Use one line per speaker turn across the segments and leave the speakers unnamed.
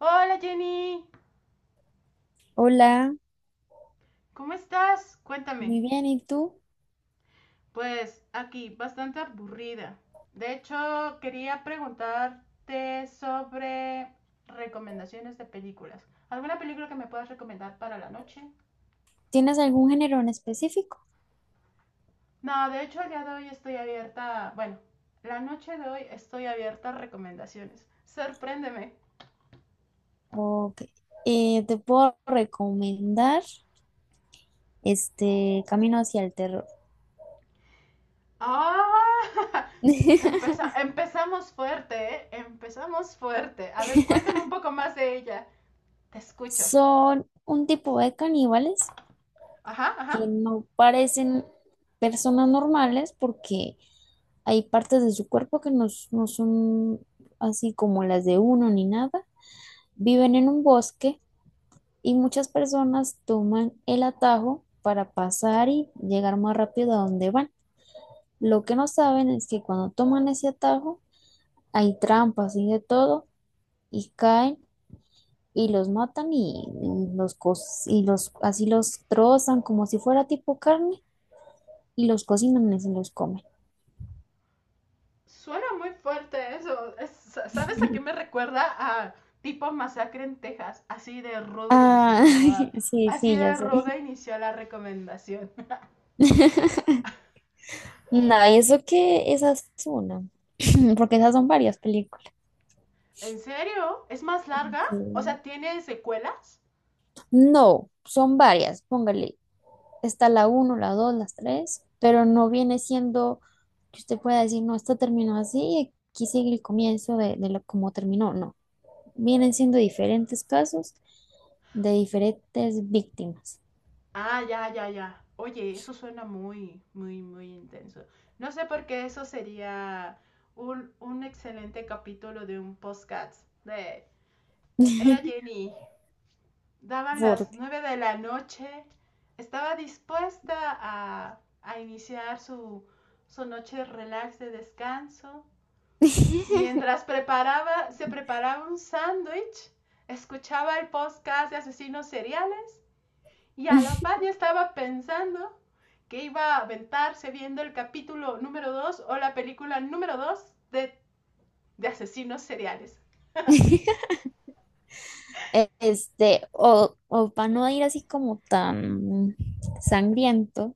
Hola Jenny,
Hola,
¿cómo estás? Cuéntame.
muy bien. ¿Y tú?
Pues aquí, bastante aburrida. De hecho, quería preguntarte sobre recomendaciones de películas. ¿Alguna película que me puedas recomendar para la noche?
¿Tienes algún género en específico?
No, de hecho, el día de hoy estoy abierta. Bueno, la noche de hoy estoy abierta a recomendaciones. Sorpréndeme.
Ok. Te puedo recomendar este Camino hacia el terror.
¡Ah! Empezamos fuerte, ¿eh? Empezamos fuerte. A ver, cuéntame un poco más de ella. Te escucho.
Son un tipo de caníbales
Ajá, ajá.
que no parecen personas normales porque hay partes de su cuerpo que no, no son así como las de uno ni nada. Viven en un bosque y muchas personas toman el atajo para pasar y llegar más rápido a donde van. Lo que no saben es que cuando toman ese atajo hay trampas y de todo y caen y los matan y y los así los trozan como si fuera tipo carne y los cocinan y se los comen.
Suena muy fuerte eso. ¿Sabes a qué me recuerda? A tipo masacre en Texas. Así de rudo inició
Ah,
todo.
sí,
Así
sí, ya
de
sé.
ruda inició la recomendación.
Nada, y eso que esa es una, porque esas son varias películas.
¿En serio? ¿Es más larga? O
Sí.
sea, ¿tiene secuelas?
No, son varias, póngale. Está la uno, la dos, las tres, pero no viene siendo que usted pueda decir, no, esto terminó así y aquí sigue el comienzo de lo, cómo terminó. No, vienen siendo diferentes casos de diferentes víctimas.
Ah, ya, ya, ya. Oye, eso suena muy, muy, muy intenso. No sé por qué eso sería un excelente capítulo de un podcast de. Era Jenny, daban las
Porque
9 de la noche, estaba dispuesta a iniciar su noche relax de descanso. Mientras preparaba, se preparaba un sándwich, escuchaba el podcast de asesinos seriales y a la par ya estaba pensando que iba a aventarse viendo el capítulo número 2 o la película número 2 de asesinos seriales.
este, o para no ir así como tan sangriento,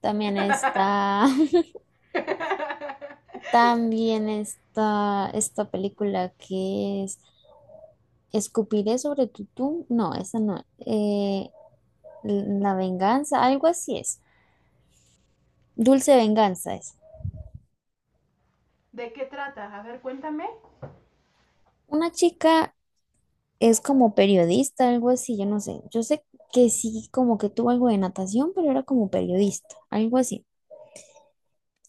también está, también está esta película que es Escupiré sobre tu tumba. No, esa no. La venganza, algo así es. Dulce venganza es.
¿De qué trata? A ver, cuéntame.
Una chica es como periodista, algo así, yo no sé. Yo sé que sí, como que tuvo algo de natación, pero era como periodista, algo así.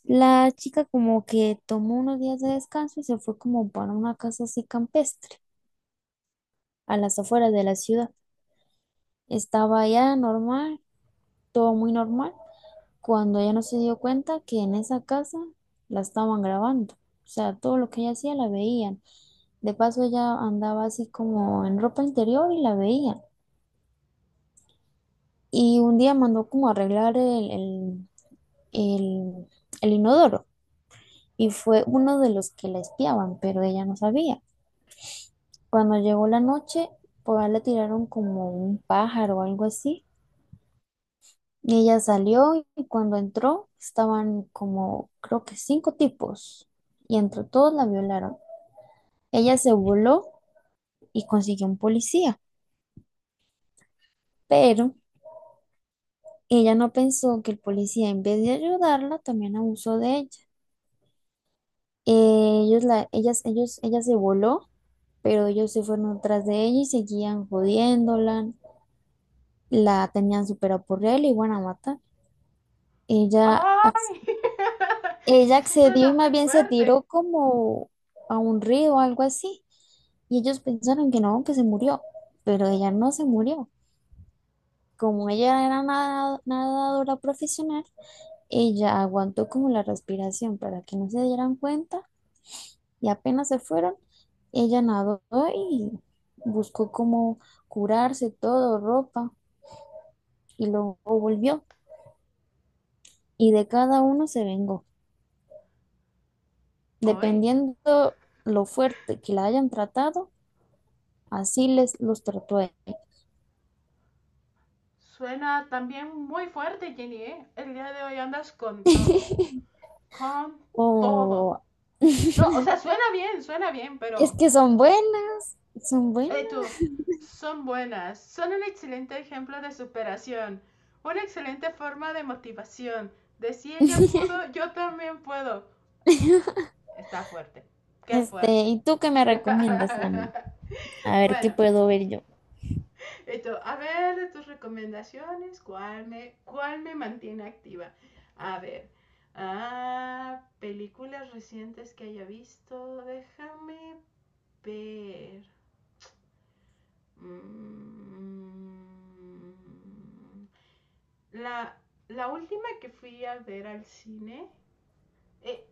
La chica como que tomó unos días de descanso y se fue como para una casa así campestre, a las afueras de la ciudad. Estaba allá normal, todo muy normal. Cuando ella no se dio cuenta que en esa casa la estaban grabando. O sea, todo lo que ella hacía la veían. De paso, ella andaba así como en ropa interior y la veían. Y un día mandó como a arreglar el, el inodoro y fue uno de los que la espiaban, pero ella no sabía. Cuando llegó la noche, por ahí le tiraron como un pájaro o algo así. Y ella salió y cuando entró estaban como, creo que cinco tipos y entre todos la violaron. Ella se voló y consiguió un policía, pero ella no pensó que el policía en vez de ayudarla también abusó de ella. Ellos la, ellas, ellos, ella se voló, pero ellos se fueron tras de ella y seguían jodiéndola, la tenían súper apurreada y iban a matar. Ella
¡Ay!
Ella
Eso
accedió
suena
y
muy
más bien se
fuerte.
tiró como a un río o algo así. Y ellos pensaron que no, que se murió, pero ella no se murió. Como ella era nadadora profesional, ella aguantó como la respiración para que no se dieran cuenta y apenas se fueron, ella nadó y buscó como curarse todo, ropa, y luego volvió. Y de cada uno se vengó,
Hoy.
dependiendo lo fuerte que la hayan tratado. Así les los trató.
Suena también muy fuerte, Jenny, ¿eh? El día de hoy andas con todo. Con todo.
O
No, o sea, suena bien,
es
pero...
que son buenas, son buenas.
Tú, son buenas. Son un excelente ejemplo de superación. Una excelente forma de motivación. De si ella pudo, yo también puedo. Está fuerte. Qué
Este,
fuerte.
¿y tú qué me recomiendas a mí? A ver qué
Bueno,
puedo ver yo.
esto, a ver, de tus recomendaciones, ¿cuál me mantiene activa? A ver, películas recientes que haya visto, déjame ver. Mm, la, la última que fui a ver al cine, eh,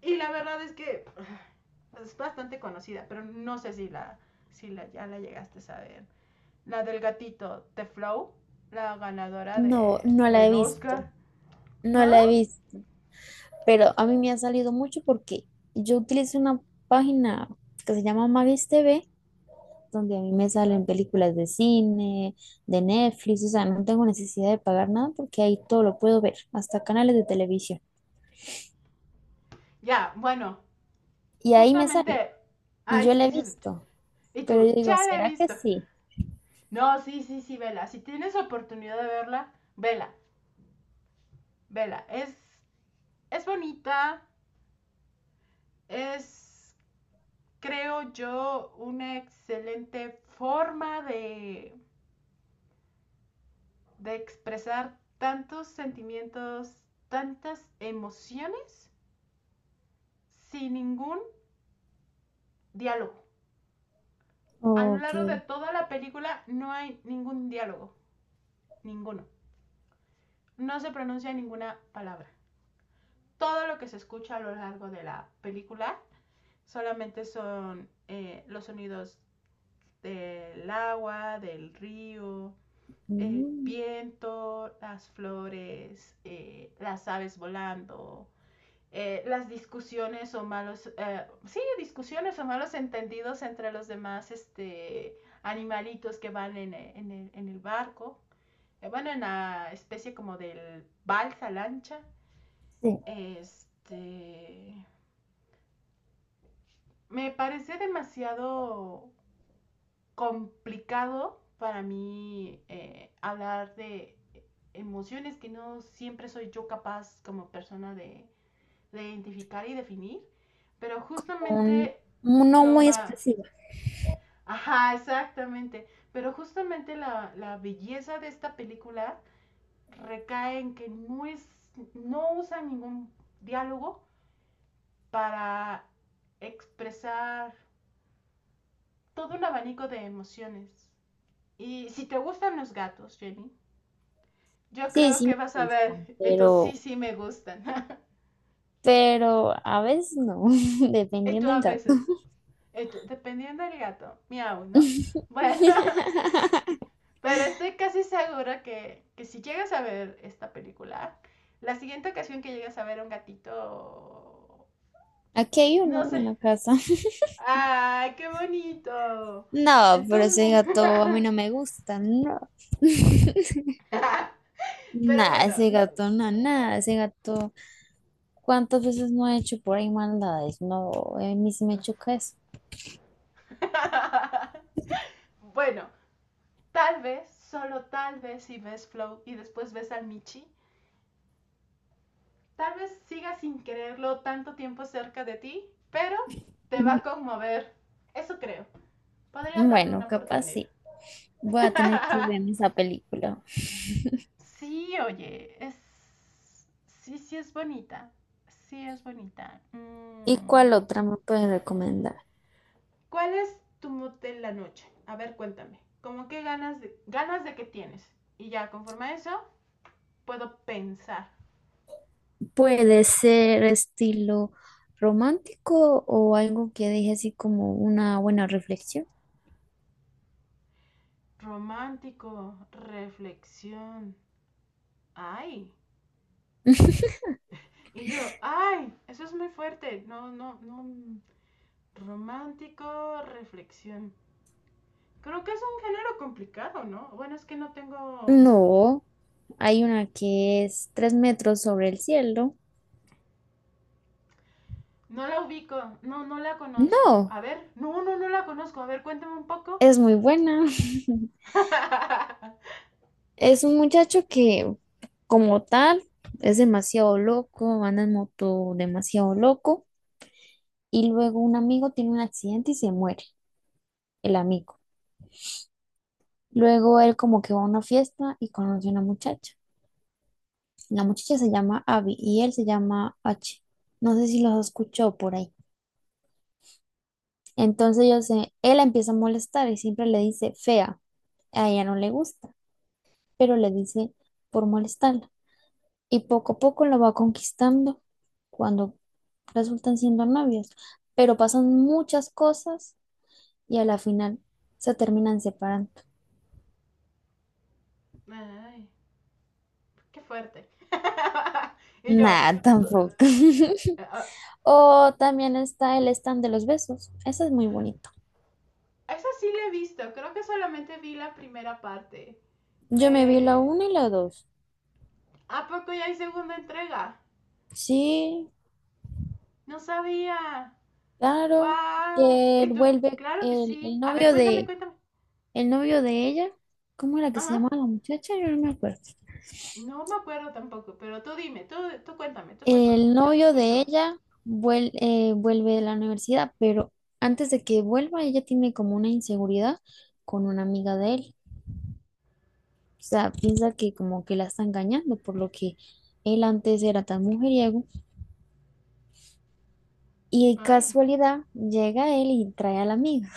y la verdad es que es bastante conocida, pero no sé si la, ya la llegaste a ver. La del gatito, The Flow, la ganadora
No,
de,
no la he
del Oscar,
visto, no
¿no?
la he visto, pero a mí me ha salido mucho porque yo utilizo una página que se llama Magis TV, donde a mí me salen películas de cine, de Netflix, o sea, no tengo necesidad de pagar nada porque ahí todo lo puedo ver, hasta canales de televisión.
Ya, bueno,
Y ahí me sale,
justamente,
y yo
ay,
la he
dices,
visto,
y
pero yo
tú,
digo,
ya la he
¿será que
visto.
sí?
No, sí, sí, sí, vela. Si tienes oportunidad de verla, vela, vela. Es bonita, es, creo yo, una excelente forma de, expresar tantos sentimientos, tantas emociones sin ningún diálogo. A lo
Ok.
largo de toda la película no hay ningún diálogo, ninguno. No se pronuncia ninguna palabra. Todo lo que se escucha a lo largo de la película solamente son los sonidos del agua, del río, el
Mm.
viento, las flores, las aves volando, las discusiones o malos, sí, discusiones o malos entendidos entre los demás animalitos que van en el barco. Bueno, en la especie como del balsa lancha,
Sí,
este, me parecía demasiado complicado para mí hablar de emociones que no siempre soy yo capaz como persona de, identificar y definir, pero
un-
justamente
un no
lo
muy
más.
expresiva.
Ajá, exactamente. Pero justamente la belleza de esta película recae en que no, no usa ningún diálogo para expresar todo un abanico de emociones. Y si te gustan los gatos, Jenny, yo
Sí,
creo
sí
que
me
vas a
gusta,
ver, estos sí,
pero,
sí me gustan.
pero a veces no,
Esto
dependiendo
a
del gato.
veces, esto, dependiendo del gato, miau, ¿no? Bueno, pero estoy casi segura que si llegas a ver esta película, la siguiente ocasión que llegas a ver a un gatito,
Aquí hay
no
uno en
sé.
la casa.
Ay, qué bonito.
No, pero
Entonces,
ese gato a mí no me gusta, no.
pero
Nada,
bueno,
ese
no.
gato, no, nada, ese gato. ¿Cuántas veces no ha hecho por ahí maldades? No, a mí sí me choca eso.
Bueno, tal vez, solo tal vez si ves Flow y después ves al Michi, tal vez sigas sin quererlo tanto tiempo cerca de ti, pero te va a conmover. Eso creo. Podrías darle
Bueno,
una
capaz
oportunidad.
sí. Voy a tener que ver esa película.
Sí, oye, es. Sí, sí es bonita. Sí es bonita.
¿Y cuál
Mm.
otra me puedes recomendar?
¿Cuál es tu mood de la noche? A ver, cuéntame. ¿Cómo qué ganas de qué tienes? Y ya, conforme a eso, puedo pensar.
Puede ser estilo romántico o algo que deje así como una buena reflexión.
Romántico, reflexión. Ay. Y yo, ay, eso es muy fuerte. No, no, no. Romántico, reflexión. Creo que es un género complicado, ¿no? Bueno, es que no tengo...
No, hay una que es Tres metros sobre el cielo.
No la ubico, no, no la conozco.
No,
A ver, no, no, no la conozco. A ver, cuéntame un poco.
es muy buena. Es un muchacho que, como tal, es demasiado loco, anda en moto demasiado loco y luego un amigo tiene un accidente y se muere el amigo. Luego él como que va a una fiesta y conoce a una muchacha. La muchacha se llama Abby y él se llama H. No sé si los escuchó por ahí. Entonces yo sé él la empieza a molestar y siempre le dice fea. A ella no le gusta, pero le dice por molestarla. Y poco a poco lo va conquistando cuando resultan siendo novios. Pero pasan muchas cosas y a la final se terminan separando.
Ay, qué fuerte. Y yo,
Nada, tampoco.
ah,
O también está el stand de los besos. Ese es muy bonito.
esa sí la he visto, creo que solamente vi la primera parte.
Yo me vi la
Me.
uno y la dos.
¿A poco ya hay segunda entrega?
Sí,
No sabía.
claro.
¡Wow!
Que él
¿Y tú?
vuelve
Claro que
el, el
sí. A ver,
novio
cuéntame,
de,
cuéntame.
el novio de ella. ¿Cómo era que se
Ajá.
llamaba la muchacha? Yo no me acuerdo.
No me acuerdo tampoco, pero tú dime, tú cuéntame, tú cuéntame.
El
Yo te
novio de
escucho.
ella vuelve de la universidad, pero antes de que vuelva, ella tiene como una inseguridad con una amiga de él. O sea, piensa que como que la está engañando, por lo que él antes era tan mujeriego. Y
Ay.
casualidad, llega él y trae a la amiga.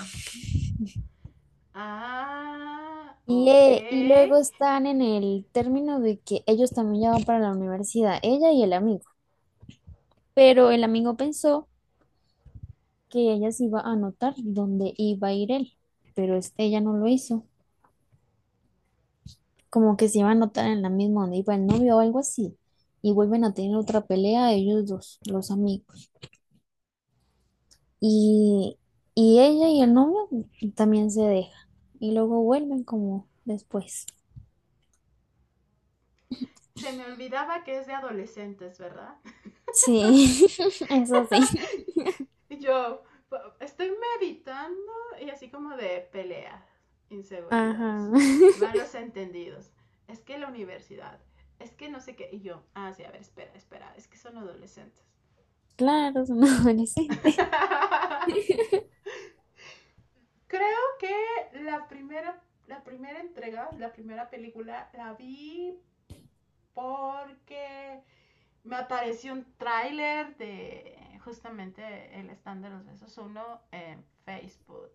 Ah,
Y,
ok.
eh, y luego están en el término de que ellos también ya van para la universidad, ella y el amigo. Pero el amigo pensó que ella se iba a anotar donde iba a ir él, pero ella no lo hizo. Como que se iba a anotar en la misma donde iba el novio o algo así. Y vuelven a tener otra pelea ellos dos, los amigos. Y, y ella y el novio también se dejan. Y luego vuelven como después.
Se me olvidaba que es de adolescentes, ¿verdad?
Sí, eso sí.
Y yo, estoy meditando y así como de peleas,
Ajá.
inseguridades, malos entendidos. Es que la universidad, es que no sé qué. Y yo, ah, sí, a ver, espera, espera, es que son adolescentes.
Claro, es un adolescente.
Creo que la primera entrega, la primera película, la vi porque me apareció un tráiler de justamente el stand de los besos uno en Facebook.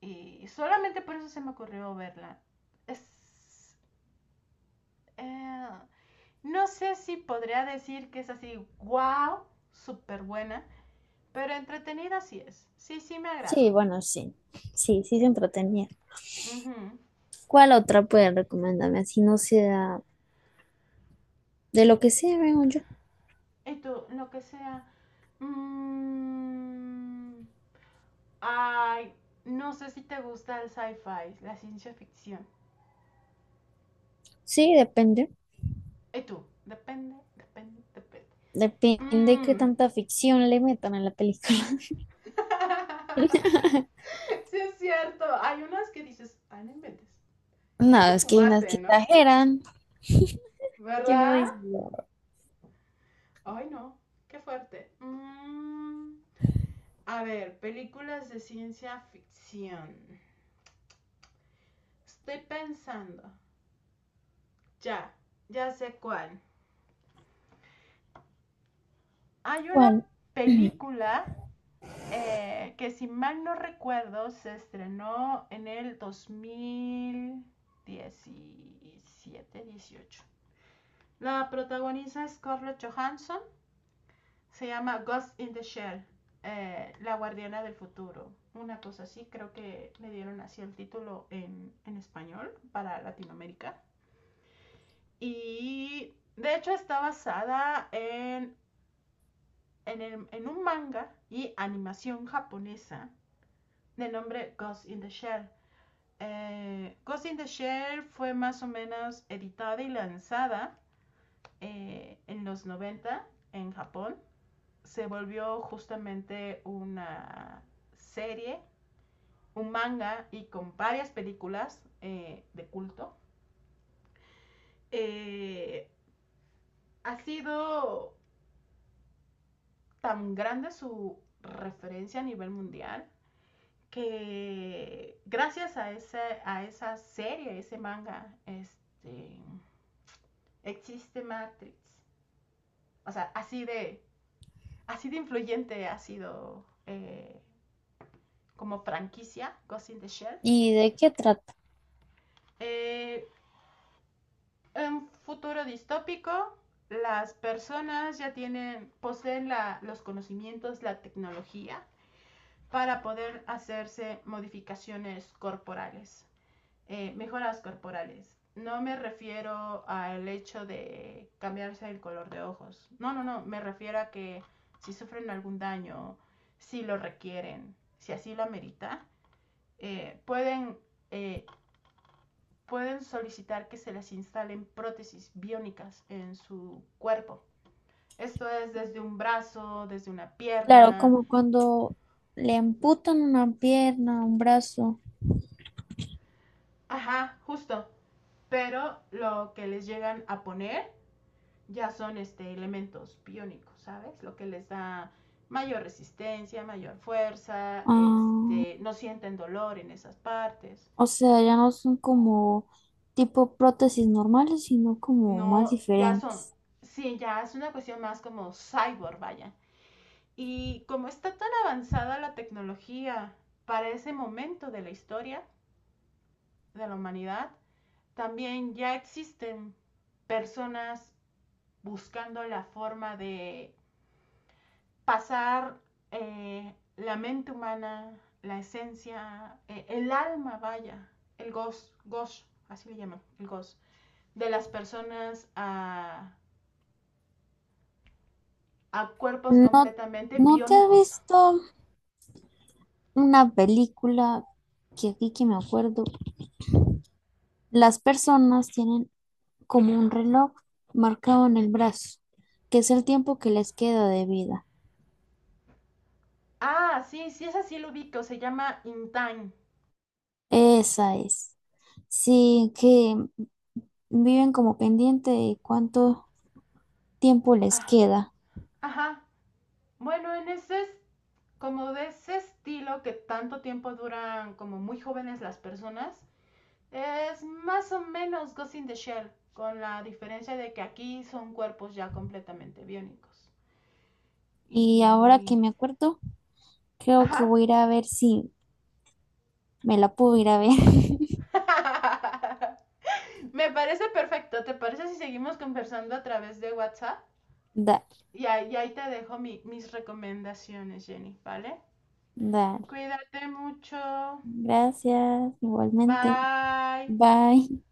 Y solamente por eso se me ocurrió verla. Es, eh, no sé si podría decir que es así, wow, súper buena, pero entretenida sí es. Sí, sí me
Sí,
agradó.
bueno, sí. Sí, sí se entretenía.
Ujú.
¿Cuál otra puede recomendarme? Así no sea de lo que sea, veo yo.
Y tú, lo que sea. mm, Ay, no sé si te gusta el sci-fi, la ciencia ficción.
Sí, depende.
Y tú, depende, depende, depende.
Depende qué
Mm.
tanta ficción le metan a la película.
Sí es cierto, hay unas que dices, ay, no inventes. ¿Qué
No,
te
es que hay unas que
fumaste, no?
exageran, que uno
¿Verdad?
dice,
Ay, no. Qué fuerte. A ver, películas de ciencia ficción. Estoy pensando. Ya, ya sé cuál. Hay una
¿cuál?
película que si mal no recuerdo se estrenó en el 2017-18. La protagoniza Scarlett Johansson. Se llama Ghost in the Shell, La Guardiana del Futuro. Una cosa así, creo que le dieron así el título en español para Latinoamérica. Y de hecho está basada en un manga y animación japonesa de nombre Ghost in the Shell. Ghost in the Shell fue más o menos editada y lanzada en los 90 en Japón, se volvió justamente una serie, un manga y con varias películas de culto. Eh, Ha sido tan grande su referencia a nivel mundial que gracias a esa serie, ese manga, existe Matrix. O sea, así de, influyente ha sido como franquicia Ghost in the Shell.
¿Y de qué trata?
Eh, En futuro distópico, las personas ya poseen los conocimientos, la tecnología para poder hacerse modificaciones corporales, mejoras corporales. No me refiero al hecho de cambiarse el color de ojos. No, no, no. Me refiero a que si sufren algún daño, si lo requieren, si así lo amerita, eh, pueden eh, pueden solicitar que se les instalen prótesis biónicas en su cuerpo. Esto es desde un brazo, desde una
Claro,
pierna,
como cuando le amputan una pierna, un brazo.
ajá, justo. Pero lo que les llegan a poner ya son elementos biónicos, ¿sabes? Lo que les da mayor resistencia, mayor fuerza,
Ah.
no sienten dolor en esas partes.
O sea, ya no son como tipo prótesis normales, sino como más
No,
diferentes.
sí, ya es una cuestión más como cyborg, vaya. Y como está tan avanzada la tecnología para ese momento de la historia de la humanidad, también ya existen personas buscando la forma de pasar la mente humana, la esencia, el alma, vaya, el gosh, gosh, así le llaman, el gosh, de las personas a cuerpos
No,
completamente
¿no te has
biónicos.
visto una película que aquí que me acuerdo? Las personas tienen como un reloj marcado en el brazo, que es el tiempo que les queda de vida.
Ah, sí, sí, es así lo ubico, se llama In Time.
Esa es. Sí, que viven como pendiente de cuánto tiempo les
Ah,
queda.
ajá. Bueno, en ese, como de ese estilo que tanto tiempo duran como muy jóvenes las personas, es más o menos Ghost in the Shell, con la diferencia de que aquí son cuerpos ya completamente biónicos.
Y ahora que
Y.
me acuerdo, creo que
Ajá.
voy a ir a ver si me la puedo ir a ver.
Me parece perfecto. ¿Te parece si seguimos conversando a través de WhatsApp?
Dale,
Y ahí te dejo mis recomendaciones, Jenny, ¿vale?
dar.
Cuídate mucho.
Gracias, igualmente.
Bye.
Bye.